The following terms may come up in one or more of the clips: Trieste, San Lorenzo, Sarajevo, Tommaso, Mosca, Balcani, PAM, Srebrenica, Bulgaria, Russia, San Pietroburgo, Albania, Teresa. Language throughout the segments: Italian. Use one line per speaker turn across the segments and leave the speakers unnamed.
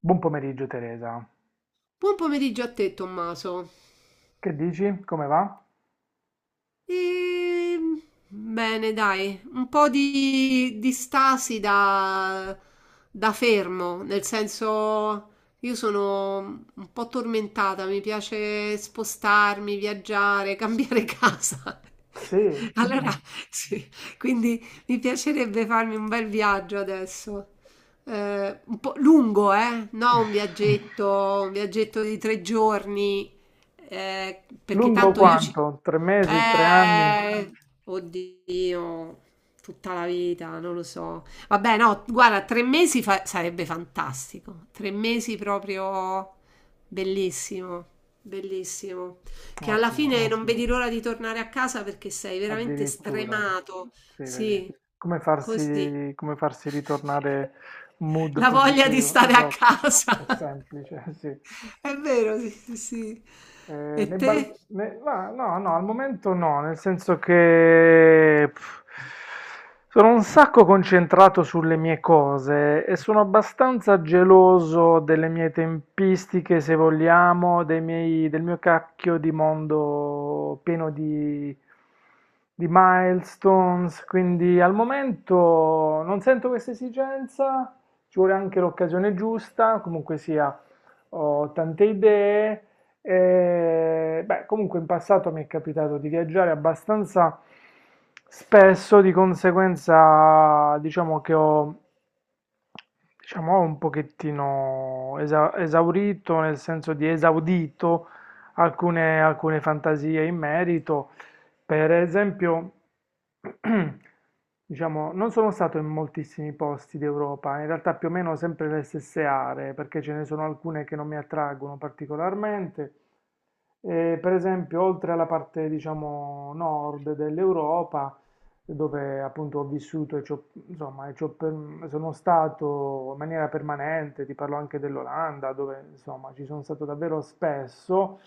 Buon pomeriggio, Teresa,
Buon pomeriggio a te, Tommaso.
che dici? Come va?
Ehm, Bene, dai, un po' di stasi da fermo, nel senso io sono un po' tormentata, mi piace spostarmi, viaggiare, cambiare casa.
Sì,
Allora, sì, quindi mi piacerebbe farmi un bel viaggio adesso. Un po' lungo, eh? No, un viaggetto di 3 giorni, perché
lungo
tanto io ci
quanto? Tre mesi, tre anni?
eh, oddio, tutta la vita, non lo so. Vabbè, no, guarda, 3 mesi sarebbe fantastico. Tre mesi proprio bellissimo, bellissimo. Che alla
Ottimo,
fine non vedi l'ora di tornare a casa perché sei veramente
addirittura.
stremato.
Sì, vedi.
Sì, così.
Come farsi ritornare mood
La voglia di
positivo?
stare a
Esatto, è
casa.
semplice, sì.
È vero, sì, sì. Sì.
Eh,
E
nei
te?
bal- ne- ma no, no, al momento no, nel senso che sono un sacco concentrato sulle mie cose e sono abbastanza geloso delle mie tempistiche, se vogliamo, del mio cacchio di mondo pieno di milestones, quindi al momento non sento questa esigenza, ci vuole anche l'occasione giusta, comunque sia, ho tante idee. E, beh, comunque in passato mi è capitato di viaggiare abbastanza spesso, di conseguenza diciamo che ho, diciamo, ho un pochettino esaurito, nel senso di esaudito alcune fantasie in merito. Per esempio, diciamo, non sono stato in moltissimi posti d'Europa, in realtà più o meno sempre le stesse aree, perché ce ne sono alcune che non mi attraggono particolarmente. E, per esempio, oltre alla parte, diciamo, nord dell'Europa, dove appunto ho vissuto e insomma, e sono stato in maniera permanente, ti parlo anche dell'Olanda, dove insomma ci sono stato davvero spesso.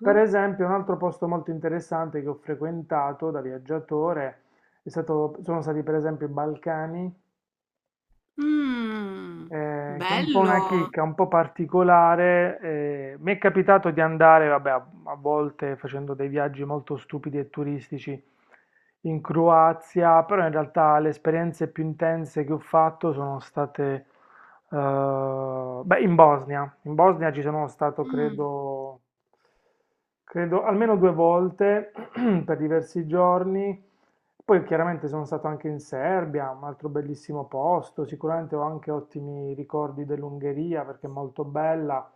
Per esempio, un altro posto molto interessante che ho frequentato da viaggiatore sono stati per esempio i Balcani,
Mm,
che è un po' una
bello.
chicca, un po' particolare. Mi è capitato di andare, vabbè, a volte facendo dei viaggi molto stupidi e turistici in Croazia, però in realtà le esperienze più intense che ho fatto sono state, beh, in Bosnia. In Bosnia ci sono stato,
Mm,
credo almeno due volte per diversi giorni. Poi chiaramente sono stato anche in Serbia, un altro bellissimo posto, sicuramente ho anche ottimi ricordi dell'Ungheria perché è molto bella,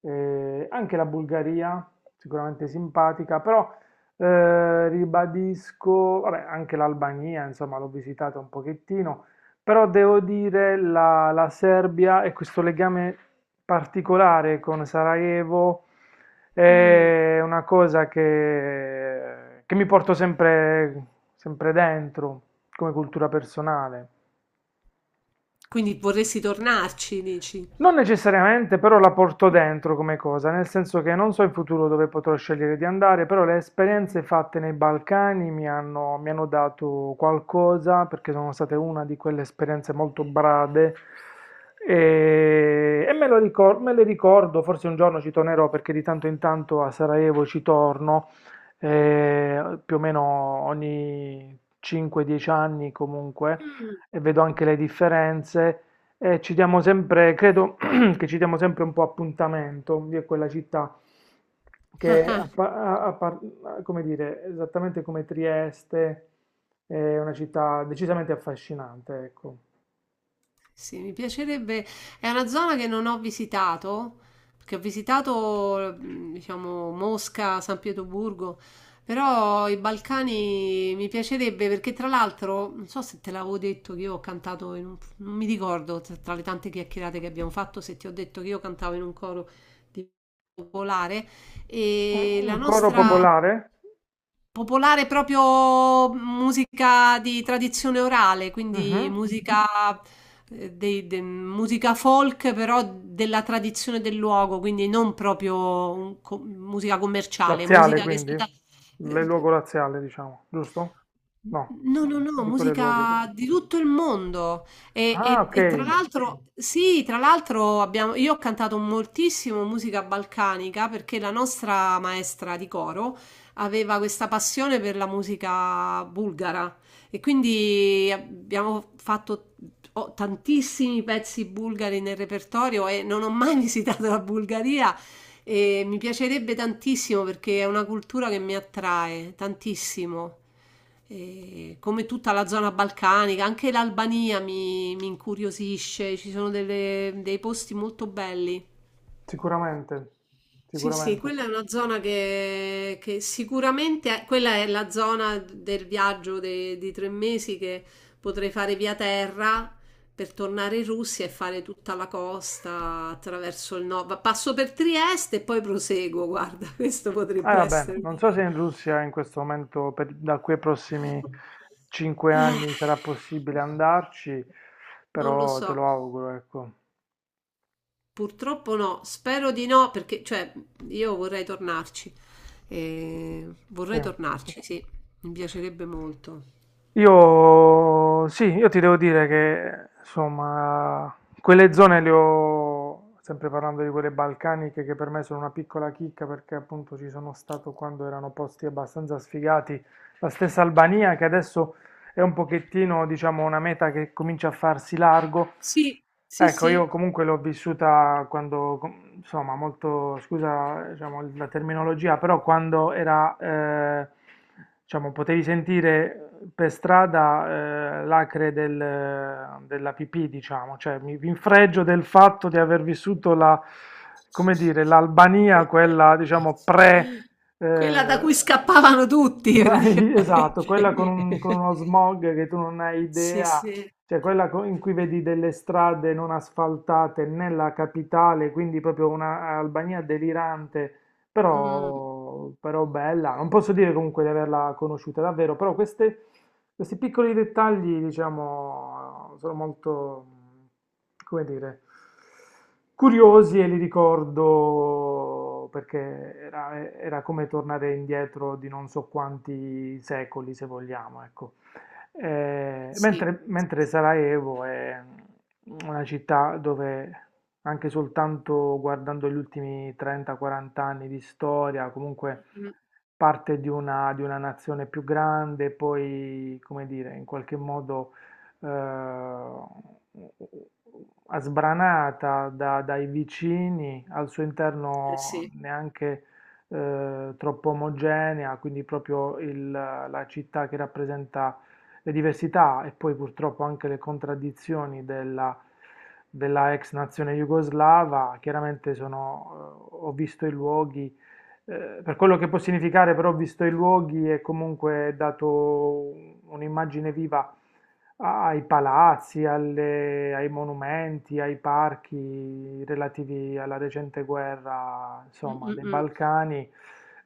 anche la Bulgaria, sicuramente simpatica, però ribadisco, vabbè, anche l'Albania, insomma, l'ho visitata un pochettino, però devo dire la Serbia e questo legame particolare con Sarajevo
mm.
è una cosa che mi porto sempre, sempre dentro come cultura personale.
Quindi vorresti tornarci, dici?
Non necessariamente però la porto dentro come cosa, nel senso che non so in futuro dove potrò scegliere di andare, però le esperienze fatte nei Balcani mi hanno dato qualcosa, perché sono state una di quelle esperienze molto brade e me le ricordo, forse un giorno ci tornerò perché di tanto in tanto a Sarajevo ci torno, più o meno ogni 5-10 anni comunque,
Mm,
e vedo anche le differenze. Ci diamo sempre, credo, che ci diamo sempre un po' appuntamento di quella città che, a pa- a- a par- a- come dire, esattamente come Trieste, è una città decisamente affascinante, ecco.
sì, mi piacerebbe. È una zona che non ho visitato, perché ho visitato, diciamo, Mosca, San Pietroburgo, però i Balcani mi piacerebbe perché tra l'altro, non so se te l'avevo detto che io ho cantato in un... non mi ricordo tra le tante chiacchierate che abbiamo fatto se ti ho detto che io cantavo in un coro di popolare e
Un,
la
un coro
nostra...
popolare?
Popolare proprio musica di tradizione orale, quindi
Mhm.
musica, musica folk, però della tradizione del luogo, quindi non proprio musica commerciale,
Laziale,
musica che è
quindi?
stata
Le luogo
eh,
laziale, diciamo, giusto? No,
no, no, no,
dico le luogo.
musica di tutto il mondo. E,
Ah,
e-
ok,
e tra l'altro, sì, tra l'altro abbiamo, io ho cantato moltissimo musica balcanica perché la nostra maestra di coro aveva questa passione per la musica bulgara e quindi abbiamo fatto ho tantissimi pezzi bulgari nel repertorio e non ho mai visitato la Bulgaria, e mi piacerebbe tantissimo perché è una cultura che mi attrae tantissimo. E come tutta la zona balcanica, anche l'Albania mi incuriosisce, ci sono dei posti molto belli.
sicuramente,
Sì, sì,
sicuramente.
quella è una zona che sicuramente quella è la zona del viaggio di 3 mesi che potrei fare via terra per tornare in Russia e fare tutta la costa attraverso il nord. Passo per Trieste e poi proseguo, guarda, questo
Eh,
potrebbe
vabbè,
essere.
non so se in Russia in questo momento, da qui ai prossimi cinque
Eh,
anni, sarà possibile andarci,
Non lo
però
so.
te lo auguro, ecco.
Purtroppo no, spero di no perché cioè, io vorrei tornarci.
Sì.
Vorrei tornarci, sì, mi piacerebbe molto.
Io, sì, io ti devo dire che, insomma, quelle zone le ho, sempre parlando di quelle balcaniche, che per me sono una piccola chicca, perché appunto ci sono stato quando erano posti abbastanza sfigati, la stessa Albania, che adesso è un pochettino, diciamo, una meta che comincia a farsi largo.
Sì, sì,
Ecco,
sì.
io comunque l'ho vissuta quando, insomma, molto, scusa, diciamo, la terminologia, però quando era, diciamo, potevi sentire per strada l'acre della pipì, diciamo, cioè mi infreggio del fatto di aver vissuto la, come dire, l'Albania, quella, diciamo, pre...
Quella da
eh,
cui scappavano tutti
esatto, quella con con
praticamente.
uno smog che tu non hai
Sì,
idea,
sì.
cioè quella in cui vedi delle strade non asfaltate nella capitale, quindi proprio una Albania delirante,
Mm,
però, bella. Non posso dire comunque di averla conosciuta davvero, però questi piccoli dettagli, diciamo, sono molto, come dire, curiosi e li ricordo perché era come tornare indietro di non so quanti secoli, se vogliamo, ecco. Eh,
sì.
mentre, mentre Sarajevo è una città dove anche soltanto guardando gli ultimi 30-40 anni di storia, comunque
Mm,
parte di una, nazione più grande, poi, come dire, in qualche modo eh, sbranata dai vicini, al suo
eh
interno
sì.
neanche troppo omogenea, quindi proprio la città che rappresenta le diversità e poi purtroppo anche le contraddizioni della, ex nazione jugoslava, chiaramente sono, ho visto i luoghi per quello che può significare, però, visto i luoghi, è comunque dato un'immagine viva ai palazzi, ai monumenti, ai parchi relativi alla recente guerra,
Mm,
insomma,
mm,
dei
mm.
Balcani,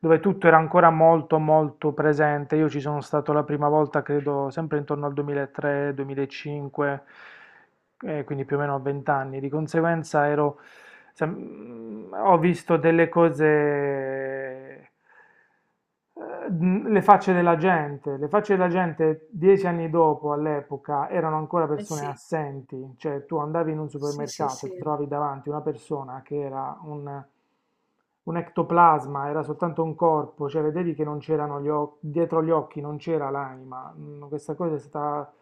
dove tutto era ancora molto, molto presente. Io ci sono stato la prima volta, credo, sempre intorno al 2003-2005, quindi più o meno a 20 anni. Di conseguenza ero, ho visto delle cose, le facce della gente. Le facce della gente dieci anni dopo, all'epoca, erano ancora
Eh
persone
sì.
assenti. Cioè, tu andavi in un
Sì, sì,
supermercato e
sì.
ti trovavi davanti una persona che era un... Un ectoplasma era soltanto un corpo, cioè vedevi che non c'erano gli occhi, dietro gli occhi non c'era l'anima. Questa cosa è stata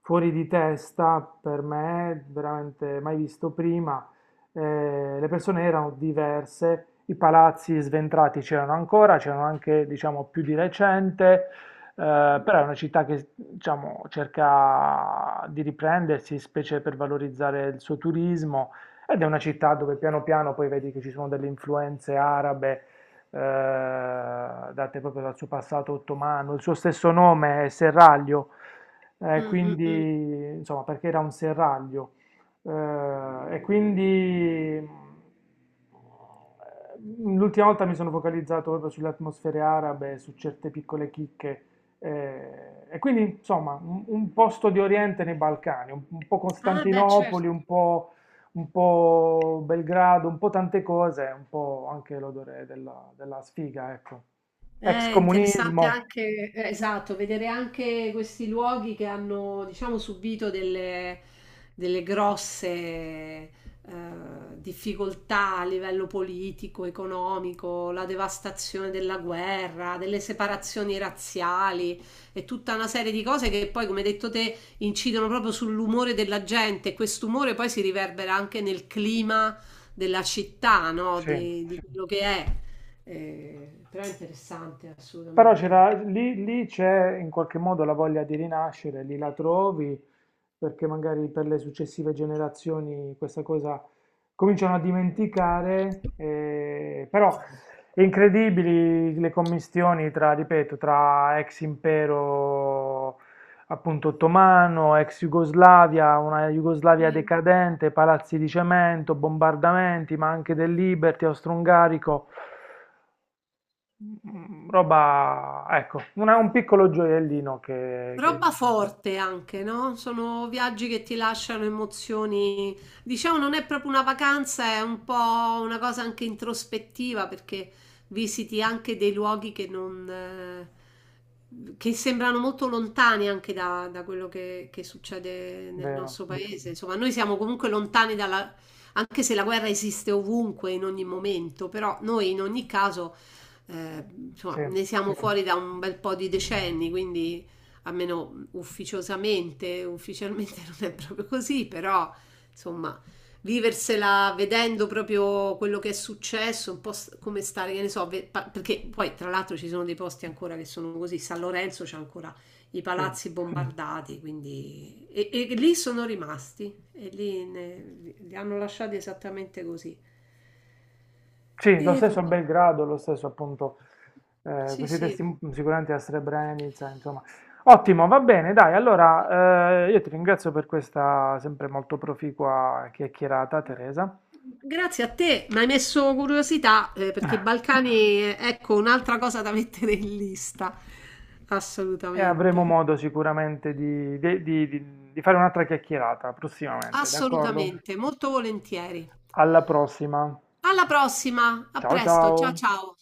fuori di testa per me, veramente mai visto prima. Le persone erano diverse, i palazzi sventrati c'erano ancora, c'erano anche, diciamo, più di recente, però è una città che, diciamo, cerca di riprendersi, specie per valorizzare il suo turismo, ed è una città dove piano piano poi vedi che ci sono delle influenze arabe, date proprio dal suo passato ottomano, il suo stesso nome è Serraglio,
Mm, mm, mm.
quindi insomma perché era un serraglio. Eh, e quindi l'ultima volta mi sono focalizzato proprio sulle atmosfere arabe, su certe piccole chicche, e quindi insomma un posto di Oriente nei Balcani, un po'
Ah, beh,
Costantinopoli,
certo.
un po' Belgrado, un po' tante cose, un po' anche l'odore della, sfiga, ecco. Ex
È interessante
comunismo,
anche, esatto, vedere anche questi luoghi che hanno, diciamo, subito delle, grosse difficoltà a livello politico, economico, la devastazione della guerra, delle separazioni razziali e tutta una serie di cose che poi, come hai detto te, incidono proprio sull'umore della gente e quest'umore poi si riverbera anche nel clima della città, no?
sì.
Di quello che è. Però è interessante
Però
assolutamente.
lì c'è in qualche modo la voglia di rinascere, lì la trovi, perché magari per le successive generazioni questa cosa cominciano a dimenticare, però è incredibili le commistioni tra, ripeto, tra ex impero appunto ottomano, ex Jugoslavia, una Jugoslavia
Sì.
decadente, palazzi di cemento, bombardamenti, ma anche del Liberty austro-ungarico. Roba, ecco, un piccolo gioiellino che,
Roba forte anche, no? Sono viaggi che ti lasciano emozioni. Diciamo, non è proprio una vacanza, è un po' una cosa anche introspettiva perché visiti anche dei luoghi che non, che sembrano molto lontani anche da quello che succede nel
vero,
nostro paese. Insomma, noi siamo comunque lontani dalla, anche se la guerra esiste ovunque, in ogni momento, però noi in ogni caso, eh, insomma,
sì,
ne siamo fuori da un bel po' di decenni, quindi almeno ufficiosamente, ufficialmente non è proprio così, però insomma, viversela vedendo proprio quello che è successo, un po' come stare, che ne so, perché poi tra l'altro ci sono dei posti ancora che sono così, San Lorenzo c'è ancora i
sì,
palazzi bombardati, quindi e lì sono rimasti e lì li hanno lasciati esattamente così.
sì, lo
E
stesso a
vabbè,
Belgrado, lo stesso appunto,
sì,
questi
sì.
testi sicuramente a Srebrenica, insomma. Ottimo, va bene, dai, allora io ti ringrazio per questa sempre molto proficua chiacchierata, Teresa,
Grazie a te, mi hai messo curiosità perché i Balcani, ecco, un'altra cosa da mettere in lista.
e avremo
Assolutamente,
modo sicuramente di fare un'altra chiacchierata prossimamente, d'accordo?
assolutamente, molto volentieri.
Alla prossima,
Alla prossima, a
ciao
presto, ciao
ciao!
ciao.